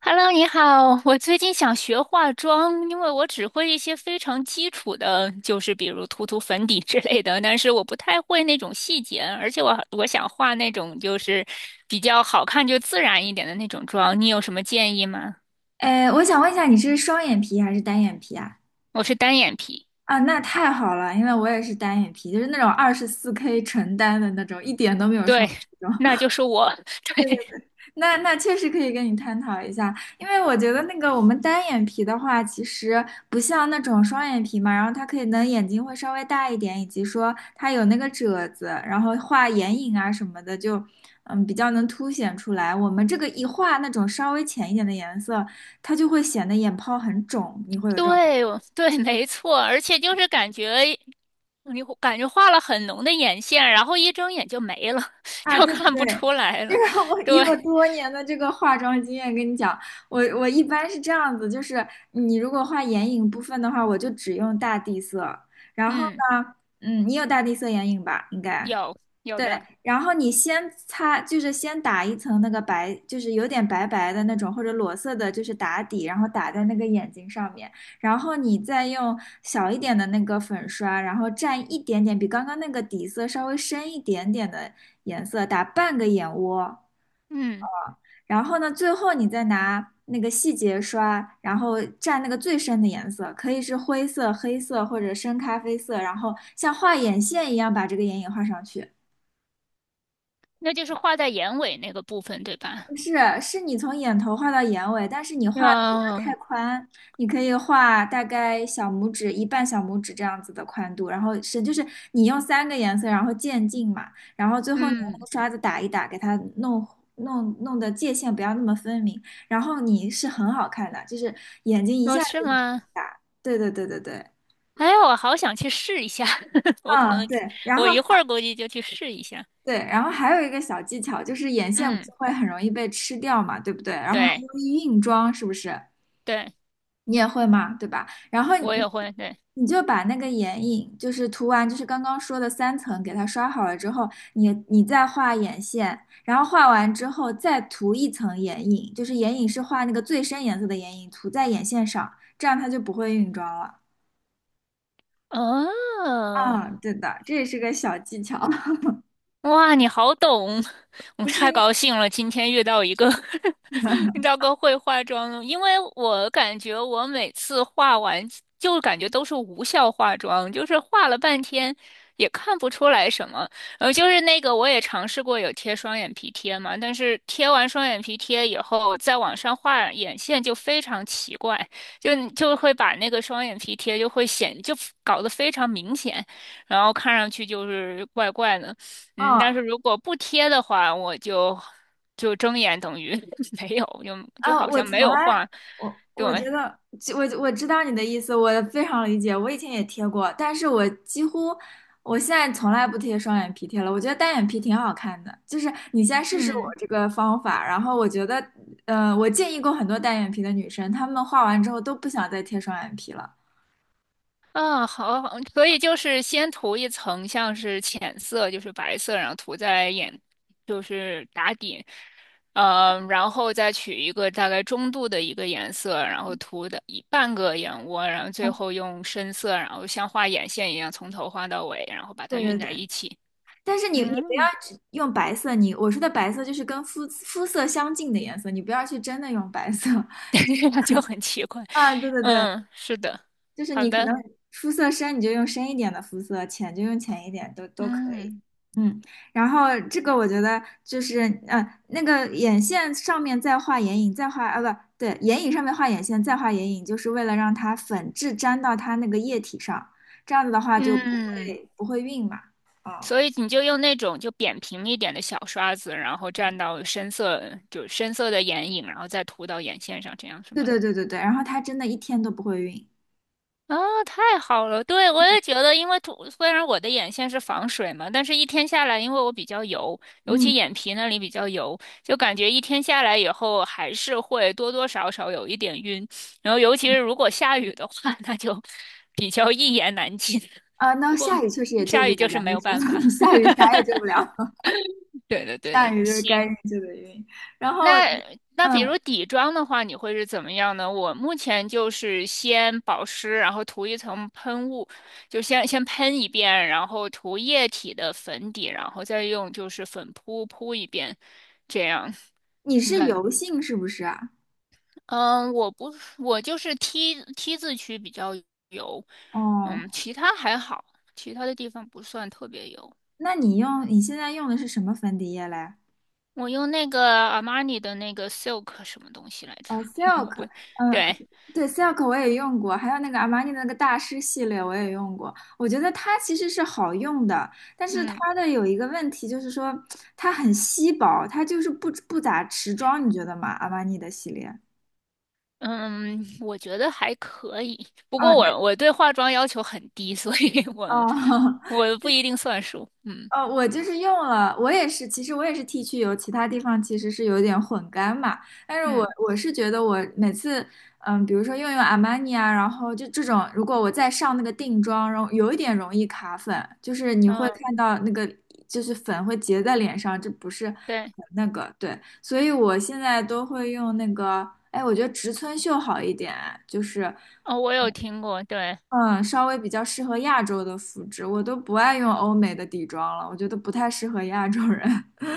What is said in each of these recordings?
Hello，你好，我最近想学化妆，因为我只会一些非常基础的，就是比如涂涂粉底 之类的，但是我不太会那种细节，而且我想画那种就是比较好看就自然一点的那种妆，你有什么建议吗？哎，我想问一下，你是双眼皮还是单眼皮啊？我是单眼皮，啊，那太好了，因为我也是单眼皮，就是那种24K 纯单的那种，一点都没有对，双那种。 那就是我，对 那确实可以跟你探讨一下，因为我觉得那个我们单眼皮的话，其实不像那种双眼皮嘛，然后它可以能眼睛会稍微大一点，以及说它有那个褶子，然后画眼影啊什么的就。嗯，比较能凸显出来。我们这个一画那种稍微浅一点的颜色，它就会显得眼泡很肿。你会有这种？对我对，没错，而且就是感觉你会感觉画了很浓的眼线，然后一睁眼就没了，啊，就对对看不对，出来这了，个我对，以我多年的这个化妆经验跟你讲，我一般是这样子，就是你如果画眼影部分的话，我就只用大地色，然后嗯。呢。嗯，你有大地色眼影吧？应该。有有对，的，然后你先擦，就是先打一层那个白，就是有点白白的那种或者裸色的，就是打底，然后打在那个眼睛上面，然后你再用小一点的那个粉刷，然后蘸一点点比刚刚那个底色稍微深一点点的颜色，打半个眼窝，嗯，然后呢，最后你再拿那个细节刷，然后蘸那个最深的颜色，可以是灰色、黑色或者深咖啡色，然后像画眼线一样把这个眼影画上去。那就是画在眼尾那个部分，对吧？不是，是你从眼头画到眼尾，但是你画的不要太哦，宽，你可以画大概小拇指一半小拇指这样子的宽度，然后是就是你用三个颜色，然后渐进嘛，然后最后你用那嗯，个刷子打一打，给它弄的界限不要那么分明，然后你是很好看的，就是眼睛一哦，下是子就吗？打，对对对对对。哎，我好想去试一下，我可嗯，能对，然我后一会儿估计就去试一下。还有一个小技巧，就是眼线不是嗯，会很容易被吃掉嘛，对不对？然后还对容易晕妆，是不是？对，你也会嘛，对吧？然后我也你会，对，你就把那个眼影，就是涂完，就是刚刚说的三层，给它刷好了之后，你再画眼线，然后画完之后再涂一层眼影，就是眼影是画那个最深颜色的眼影，涂在眼线上，这样它就不会晕妆了。哦。嗯，对的，这也是个小技巧，哇，你好懂，我不是太高兴了，今天遇到一个 晕 遇的 到个会化妆的，因为我感觉我每次化完就感觉都是无效化妆，就是化了半天也看不出来什么。就是那个我也尝试过有贴双眼皮贴嘛，但是贴完双眼皮贴以后，再往上画眼线就非常奇怪，就会把那个双眼皮贴就会显就搞得非常明显，然后看上去就是怪怪的。嗯，但嗯，是如果不贴的话，我就睁眼等于 没有，就就啊，好我像从没有来，画。我觉对，得，就我知道你的意思，我非常理解。我以前也贴过，但是我几乎，我现在从来不贴双眼皮贴了。我觉得单眼皮挺好看的，就是你先试试我嗯，这个方法，然后我觉得，我建议过很多单眼皮的女生，她们画完之后都不想再贴双眼皮了。啊，好，好所以就是先涂一层像是浅色，就是白色，然后涂在眼，就是打底，然后再取一个大概中度的一个颜色，然后涂的一半个眼窝，然后最嗯，后用深色，然后像画眼线一样从头画到尾，然后把它对对晕在对，一起。但是你不要嗯，只用白色，你我说的白色就是跟肤色相近的颜色，你不要去真的用白色。这样就很奇怪。啊，对对对。嗯，是的，就是好你可的，能肤色深，你就用深一点的肤色，浅就用浅一点，都可以。嗯嗯，然后这个我觉得就是，呃，那个眼线上面再画眼影，再画啊不对，眼影上面画眼线，再画眼影，就是为了让它粉质粘到它那个液体上，这样子的话就不嗯，会不会晕嘛。啊、所以你就用那种就扁平一点的小刷子，然后蘸到深色，就深色的眼影，然后再涂到眼线上，这样是对吗？对对对对，然后它真的一天都不会晕。啊、太好了！对，我也觉得，因为涂，虽然我的眼线是防水嘛，但是一天下来，因为我比较油，尤嗯，其眼皮那里比较油，就感觉一天下来以后还是会多多少少有一点晕，然后尤其是如果下雨的话，那就比较一言难尽。啊、那不过下雨确实也救不下了，雨就是咱没这有说 办法。下 雨啥也救不了，对的，对下的。雨就是行，该晕就得晕。然后，那那比如嗯。底妆的话，你会是怎么样呢？我目前就是先保湿，然后涂一层喷雾，就先喷一遍，然后涂液体的粉底，然后再用就是粉扑扑一遍，这样。你你是感，油性是不是啊？嗯，我不，我就是 T 字区比较油，哦，嗯，其他还好，其他的地方不算特别油。那你用你现在用的是什么粉底液嘞？我用那个阿玛尼的那个 Silk 什么东西来着？哦 ，Silk。我不，嗯，对，对，Silk 我也用过，还有那个阿玛尼的那个大师系列我也用过。我觉得它其实是好用的，但是嗯它的有一个问题就是说它很稀薄，它就是不咋持妆，你觉得吗？阿玛尼的系列。嗯，我觉得还可以。不啊，过那我对化妆要求很低，所以 哦，我 我不一定算数。嗯哦，我就是用了，我也是，其实我也是 T 区油，其他地方其实是有点混干嘛。但是我嗯我是觉得我每次，嗯，比如说用阿玛尼啊，然后就这种，如果我再上那个定妆，然后有一点容易卡粉，就是你会嗯，看到那个就是粉会结在脸上，这不是很对，那个，对。所以我现在都会用那个，哎，我觉得植村秀好一点，就是。哦，我有听过，对。嗯，稍微比较适合亚洲的肤质，我都不爱用欧美的底妆了，我觉得不太适合亚洲人。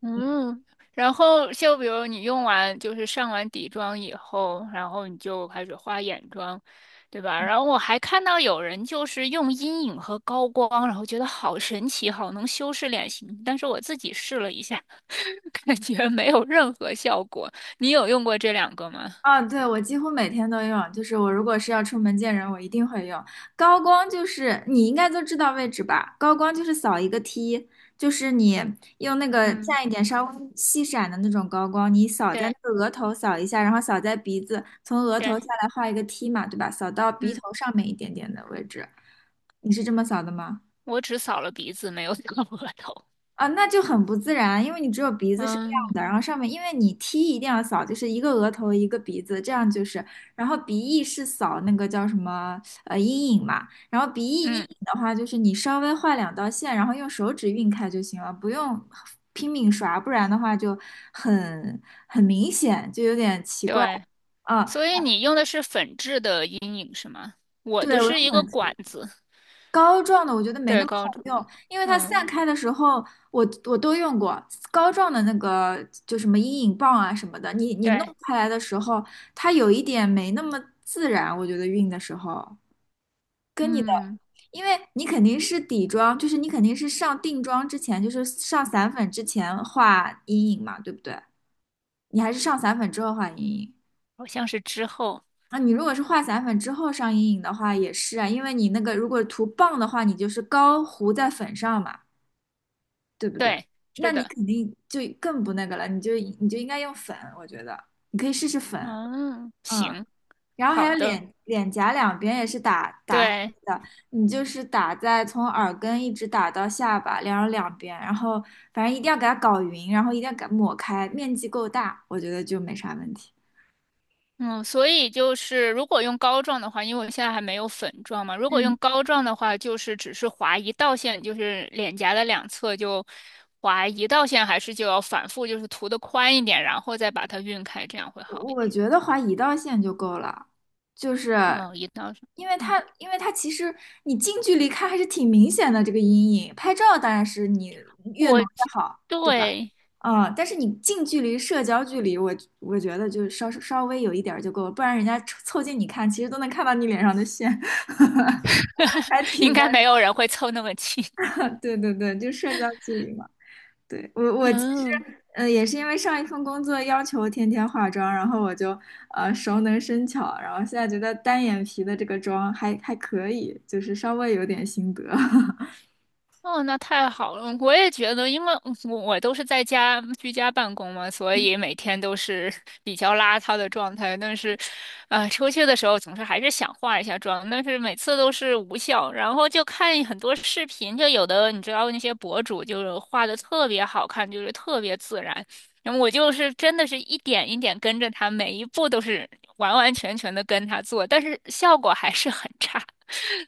嗯，然后就比如你用完就是上完底妆以后，然后你就开始画眼妆，对吧？然后我还看到有人就是用阴影和高光，然后觉得好神奇，好能修饰脸型。但是我自己试了一下，感觉没有任何效果。你有用过这两个吗？啊，对，我几乎每天都用，就是我如果是要出门见人，我一定会用。高光就是你应该都知道位置吧？高光就是扫一个 T,就是你用那个嗯，蘸一点稍微细闪的那种高光，你扫在对那个额头扫一下，然后扫在鼻子，从额头对，下来画一个 T 嘛，对吧？扫到鼻嗯，头上面一点点的位置，你是这么扫的吗？我只扫了鼻子，没有扫额头。啊，那就很不自然啊，因为你只有鼻子是亮嗯的，然后上面，因为你 T 一定要扫，就是一个额头一个鼻子，这样就是，然后鼻翼是扫那个叫什么阴影嘛，然后鼻翼阴嗯，影的话，就是你稍微画两道线，然后用手指晕开就行了，不用拼命刷，不然的话就很明显，就有点奇怪。对。嗯，所以你用的是粉质的阴影是吗？我的对，我是用一个管粉。子，膏状的我觉得没对，那么膏好状。用，因为它散嗯，开的时候，我都用过膏状的那个，就什么阴影棒啊什么的，你对，弄开来的时候，它有一点没那么自然，我觉得晕的时候跟你的，嗯，因为你肯定是底妆，就是你肯定是上定妆之前，就是上散粉之前画阴影嘛，对不对？你还是上散粉之后画阴影。好像是之后，那你如果是画散粉之后上阴影的话，也是啊，因为你那个如果涂棒的话，你就是膏糊在粉上嘛。对不对？对，是那你的，肯定就更不那个了，你就应该用粉，我觉得你可以试试粉。嗯，嗯，行，然后还好有的，脸颊两边也是打黑对，的，你就是打在从耳根一直打到下巴，然后两边，然后反正一定要给它搞匀，然后一定要给它抹开，面积够大，我觉得就没啥问题。嗯，所以就是如果用膏状的话，因为我现在还没有粉状嘛，如果用嗯。膏状的话，就是只是划一道线，就是脸颊的两侧就划一道线，还是就要反复，就是涂的宽一点，然后再把它晕开，这样会好一我点。觉得划一道线就够了，就是嗯，一道上。因为嗯。它，因为它其实你近距离看还是挺明显的这个阴影，拍照当然是你越我浓越好，对吧？对，嗯，但是你近距离社交距离，我觉得就稍微有一点儿就够了，不然人家凑近你看，其实都能看到你脸上的线，还 应挺该尴没有人会凑那么近。尬。对对对，就社交距离嘛。对，我其实，嗯，也是因为上一份工作要求天天化妆，然后我就熟能生巧，然后现在觉得单眼皮的这个妆还可以，就是稍微有点心得。哦，那太好了！我也觉得，因为我都是在家居家办公嘛，所以 每天都是 比较邋遢的状态。但是，出去的时候总是还是想化一下妆，但是每次都是无效。然后就看很多视频，就有的你知道那些博主就是画的特别好看，就是特别自然。然后我就是真的是一点一点跟着他，每一步都是完完全全的跟他做，但是效果还是很差。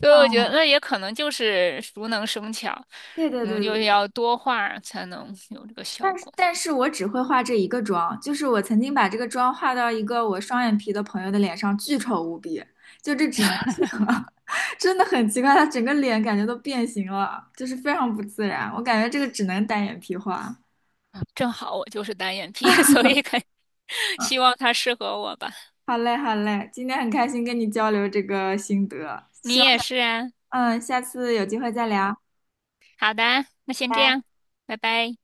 所以我觉得哦，那也可能就是熟能生巧，对对我们对就对是对，要多画才能有这个效果。但是我只会画这一个妆，就是我曾经把这个妆画到一个我双眼皮的朋友的脸上，巨丑无比，就这只能是我，真的很奇怪，他整个脸感觉都变形了，就是非常不自然，我感觉这个只能单眼皮画。正好我就是单眼皮，所以肯希望它适合我吧。好嘞，好嘞，今天很开心跟你交流这个心得，希你望，也是啊。嗯，下次有机会再聊。好的，那先拜这拜。样，拜拜。